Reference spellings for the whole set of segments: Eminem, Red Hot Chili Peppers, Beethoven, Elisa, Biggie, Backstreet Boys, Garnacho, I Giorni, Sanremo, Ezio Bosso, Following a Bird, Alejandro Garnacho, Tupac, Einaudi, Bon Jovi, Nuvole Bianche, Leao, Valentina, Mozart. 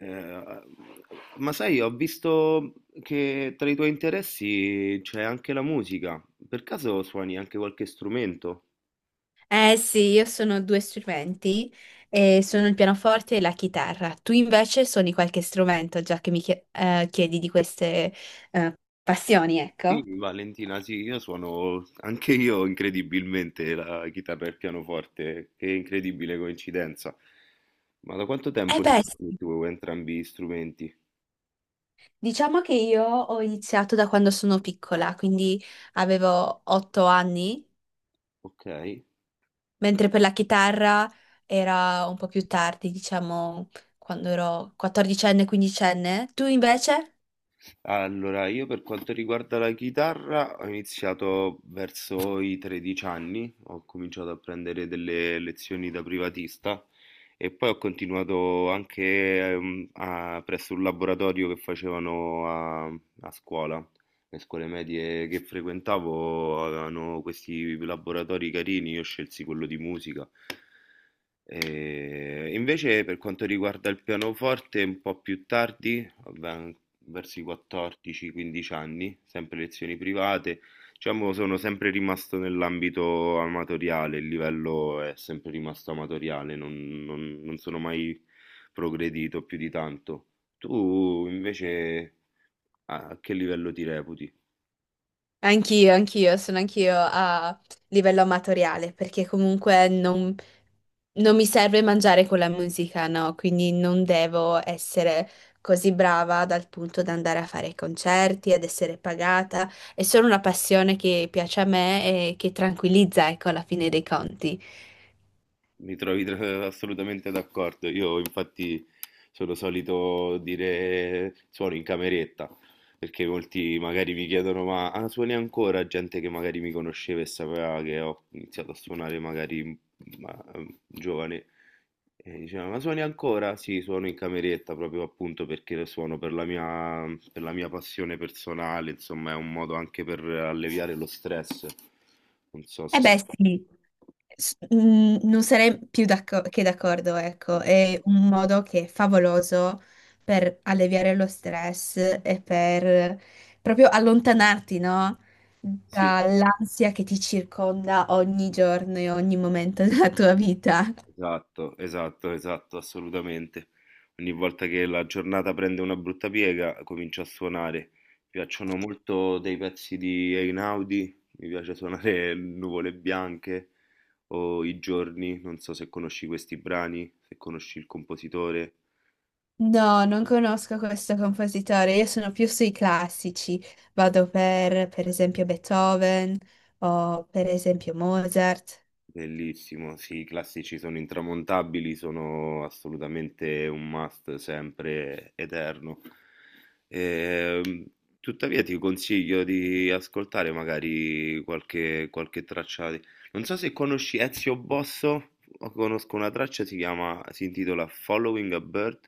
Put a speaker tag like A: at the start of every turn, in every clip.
A: Eh, ma sai, ho visto che tra i tuoi interessi c'è anche la musica. Per caso suoni anche qualche strumento?
B: Eh sì, io sono due strumenti, sono il pianoforte e la chitarra. Tu invece suoni qualche strumento, già che mi chiedi di queste eh, passioni, ecco.
A: Sì, Valentina, sì, io suono anche io incredibilmente la chitarra e il pianoforte. Che incredibile coincidenza. Ma da quanto
B: Eh
A: tempo li
B: beh,
A: suoni
B: sì.
A: tu entrambi gli strumenti?
B: Diciamo che io ho iniziato da quando sono piccola, quindi avevo 8 anni,
A: Ok.
B: mentre per la chitarra era un po' più tardi, diciamo quando ero 14enne, 15enne. Tu invece?
A: Allora, io per quanto riguarda la chitarra, ho iniziato verso i 13 anni, ho cominciato a prendere delle lezioni da privatista e poi ho continuato anche presso un laboratorio che facevano a scuola. Le scuole medie che frequentavo avevano questi laboratori carini, io scelsi quello di musica. E invece per quanto riguarda il pianoforte, un po' più tardi, vabbè, verso i 14-15 anni, sempre lezioni private, diciamo sono sempre rimasto nell'ambito amatoriale, il livello è sempre rimasto amatoriale, non sono mai progredito più di tanto. Tu invece a che livello ti reputi?
B: Anch'io, anch'io, sono anch'io a livello amatoriale, perché comunque non mi serve mangiare con la musica, no? Quindi non devo essere così brava dal punto da andare a fare concerti, ad essere pagata. È solo una passione che piace a me e che tranquillizza, ecco, alla fine dei conti.
A: Mi trovi assolutamente d'accordo. Io infatti sono solito dire suono in cameretta, perché molti magari mi chiedono ma suoni ancora? Gente che magari mi conosceva e sapeva che ho iniziato a suonare magari ma, giovane e diceva ma suoni ancora? Sì, suono in cameretta proprio appunto perché lo suono per la mia passione personale, insomma è un modo anche per alleviare lo stress. Non so
B: Eh
A: se.
B: beh, sì. Non sarei più che d'accordo, ecco, è un modo che è favoloso per alleviare lo stress e per proprio allontanarti, no?
A: Sì.
B: Dall'ansia che ti circonda ogni giorno e ogni momento della tua vita.
A: Esatto, esatto, esatto, assolutamente. Ogni volta che la giornata prende una brutta piega, comincio a suonare. Mi piacciono molto dei pezzi di Einaudi, mi piace suonare Nuvole Bianche o I Giorni, non so se conosci questi brani, se conosci il compositore.
B: No, non conosco questo compositore, io sono più sui classici, vado per esempio, Beethoven o per esempio Mozart.
A: Bellissimo, sì, i classici sono intramontabili, sono assolutamente un must sempre eterno. Ehm, tuttavia ti consiglio di ascoltare magari qualche traccia. Non so se conosci Ezio Bosso, o conosco una traccia, si chiama, si intitola Following a Bird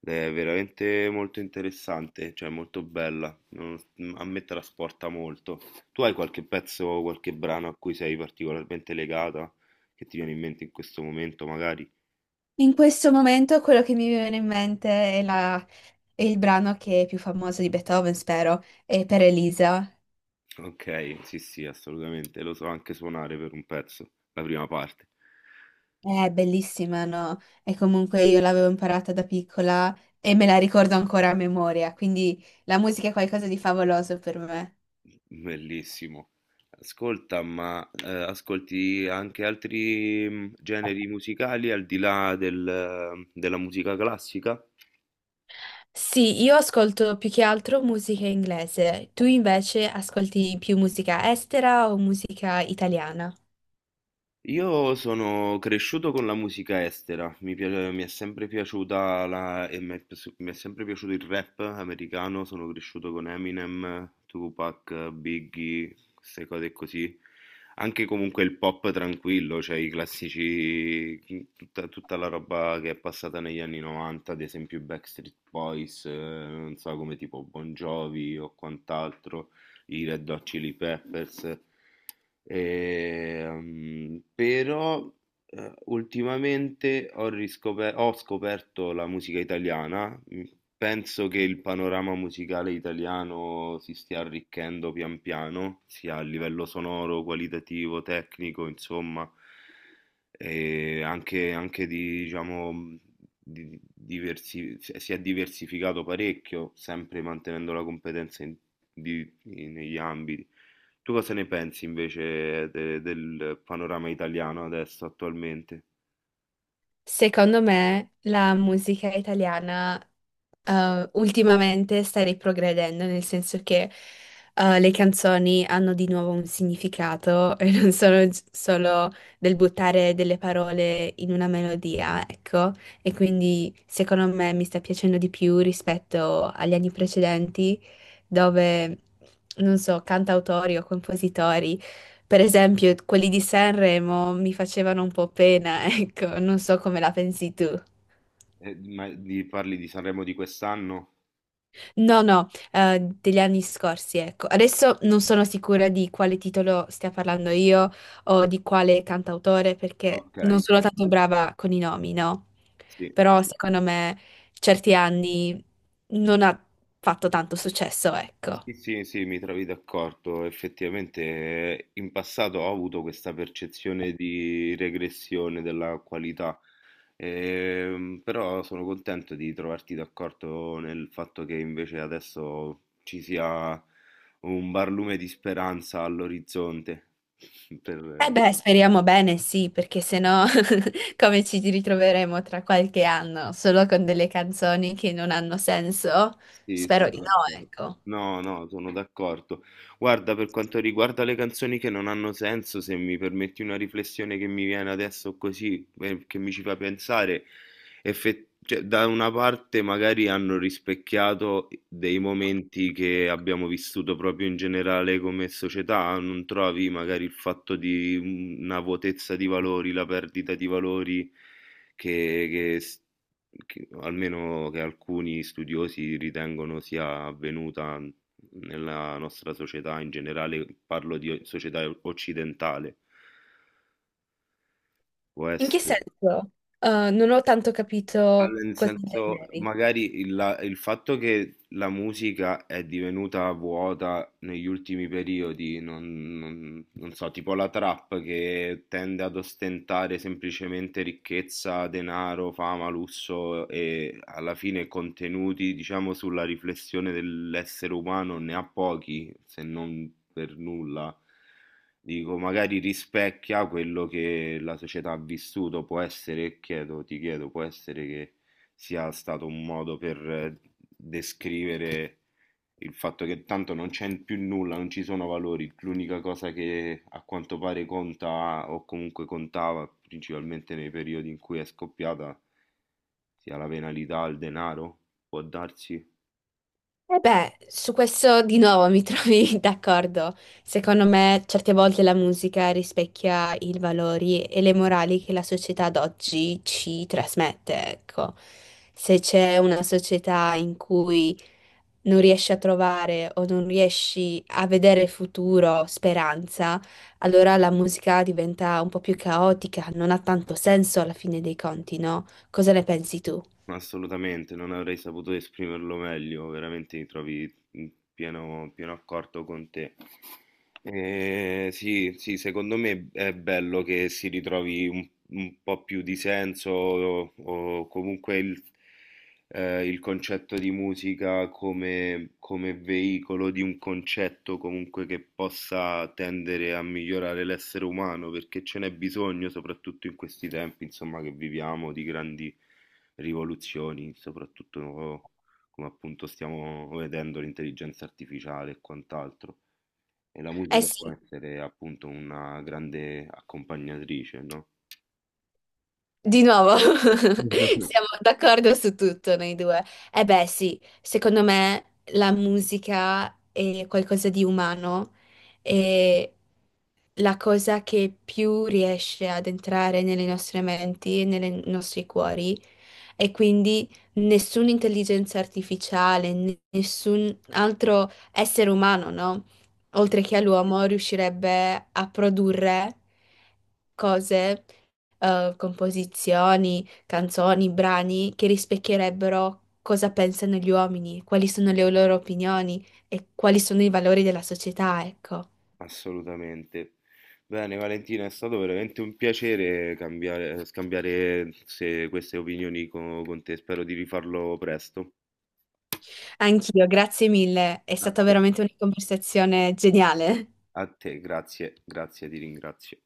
A: ed è veramente molto interessante, cioè molto bella, a me trasporta molto. Tu hai qualche pezzo, qualche brano a cui sei particolarmente legata, che ti viene in mente in questo momento, magari?
B: In questo momento quello che mi viene in mente è la è il brano che è più famoso di Beethoven, spero, è per Elisa.
A: Ok, sì, sì, assolutamente. Lo so anche suonare per un pezzo, la prima parte.
B: È bellissima, no? E comunque io l'avevo imparata da piccola e me la ricordo ancora a memoria, quindi la musica è qualcosa di favoloso per me.
A: Bellissimo. Ascolta, ma ascolti anche altri generi musicali al di là della musica classica?
B: Sì, io ascolto più che altro musica inglese. Tu invece ascolti più musica estera o musica italiana?
A: Io sono cresciuto con la musica estera, mi è sempre piaciuta la, mi è sempre piaciuto il rap americano, sono cresciuto con Eminem, Tupac, Biggie, queste cose così. Anche comunque il pop tranquillo, cioè i classici, tutta la roba che è passata negli anni 90, ad esempio i Backstreet Boys, non so come tipo Bon Jovi o quant'altro i Red Hot Chili Peppers. E, però ultimamente ho scoperto la musica italiana. Penso che il panorama musicale italiano si stia arricchendo pian piano, sia a livello sonoro, qualitativo, tecnico, insomma, e anche di, diciamo, si è diversificato parecchio, sempre mantenendo la competenza negli ambiti. Tu cosa ne pensi invece del panorama italiano adesso, attualmente?
B: Secondo me la musica italiana ultimamente sta riprogredendo, nel senso che le canzoni hanno di nuovo un significato e non sono solo del buttare delle parole in una melodia, ecco, e quindi secondo me mi sta piacendo di più rispetto agli anni precedenti dove, non so, cantautori o compositori, per esempio quelli di Sanremo, mi facevano un po' pena, ecco, non so come la pensi tu.
A: Ma parli di Sanremo di quest'anno?
B: No, no, degli anni scorsi, ecco. Adesso non sono sicura di quale titolo stia parlando io o di quale cantautore, perché
A: Ok,
B: non sono tanto brava con i nomi, no?
A: sì.
B: Però secondo me certi anni non ha fatto tanto successo, ecco.
A: Sì, sì, sì, mi trovi d'accordo. Effettivamente in passato ho avuto questa percezione di regressione della qualità. Però sono contento di trovarti d'accordo nel fatto che invece adesso ci sia un barlume di speranza all'orizzonte
B: Eh
A: per,
B: beh, speriamo bene, sì, perché se no. Come ci ritroveremo tra qualche anno, solo con delle canzoni che non hanno senso?
A: Sì,
B: Spero
A: sono
B: di no,
A: d'accordo.
B: ecco.
A: No, no, sono d'accordo. Guarda, per quanto riguarda le canzoni che non hanno senso, se mi permetti una riflessione che mi viene adesso così, che mi ci fa pensare, cioè, da una parte magari hanno rispecchiato dei momenti che abbiamo vissuto proprio in generale come società, non trovi magari il fatto di una vuotezza di valori, la perdita di valori che, che s- che almeno che alcuni studiosi ritengono sia avvenuta nella nostra società in generale, parlo di società occidentale, può
B: In che
A: essere.
B: senso? Non ho tanto
A: Ah,
B: capito
A: nel
B: cosa
A: senso,
B: intendevi.
A: magari il fatto che la musica è divenuta vuota negli ultimi periodi, non so, tipo la trap che tende ad ostentare semplicemente ricchezza, denaro, fama, lusso e alla fine contenuti, diciamo, sulla riflessione dell'essere umano ne ha pochi, se non per nulla. Dico, magari rispecchia quello che la società ha vissuto, può essere, chiedo, ti chiedo, può essere che sia stato un modo per descrivere il fatto che tanto non c'è più nulla, non ci sono valori, l'unica cosa che a quanto pare conta o comunque contava, principalmente nei periodi in cui è scoppiata, sia la penalità, il denaro, può darsi.
B: E beh, su questo di nuovo mi trovi d'accordo. Secondo me, certe volte la musica rispecchia i valori e le morali che la società d'oggi ci trasmette, ecco. Se c'è una società in cui non riesci a trovare o non riesci a vedere futuro, speranza, allora la musica diventa un po' più caotica, non ha tanto senso alla fine dei conti, no? Cosa ne pensi tu?
A: Assolutamente, non avrei saputo esprimerlo meglio, veramente mi trovi in pieno, pieno accordo con te. Sì, sì, secondo me è bello che si ritrovi un po' più di senso o comunque il concetto di musica come veicolo di un concetto comunque che possa tendere a migliorare l'essere umano, perché ce n'è bisogno, soprattutto in questi tempi, insomma, che viviamo di grandi rivoluzioni, soprattutto come appunto stiamo vedendo l'intelligenza artificiale e quant'altro. E la
B: Eh
A: musica può
B: sì,
A: essere appunto una grande accompagnatrice, no?
B: di nuovo,
A: Mhm.
B: siamo d'accordo su tutto noi due. Eh beh sì, secondo me la musica è qualcosa di umano e la cosa che più riesce ad entrare nelle nostre menti e nei nostri cuori. E quindi nessuna intelligenza artificiale, nessun altro essere umano, no?
A: Sì,
B: Oltre che all'uomo, riuscirebbe a produrre cose, composizioni, canzoni, brani che rispecchierebbero cosa pensano gli uomini, quali sono le loro opinioni e quali sono i valori della società, ecco.
A: assolutamente. Bene, Valentina, è stato veramente un piacere scambiare queste opinioni con te. Spero di rifarlo presto.
B: Anch'io, grazie mille, è
A: A
B: stata
A: te,
B: veramente una conversazione geniale.
A: a te, grazie, grazie, ti ringrazio.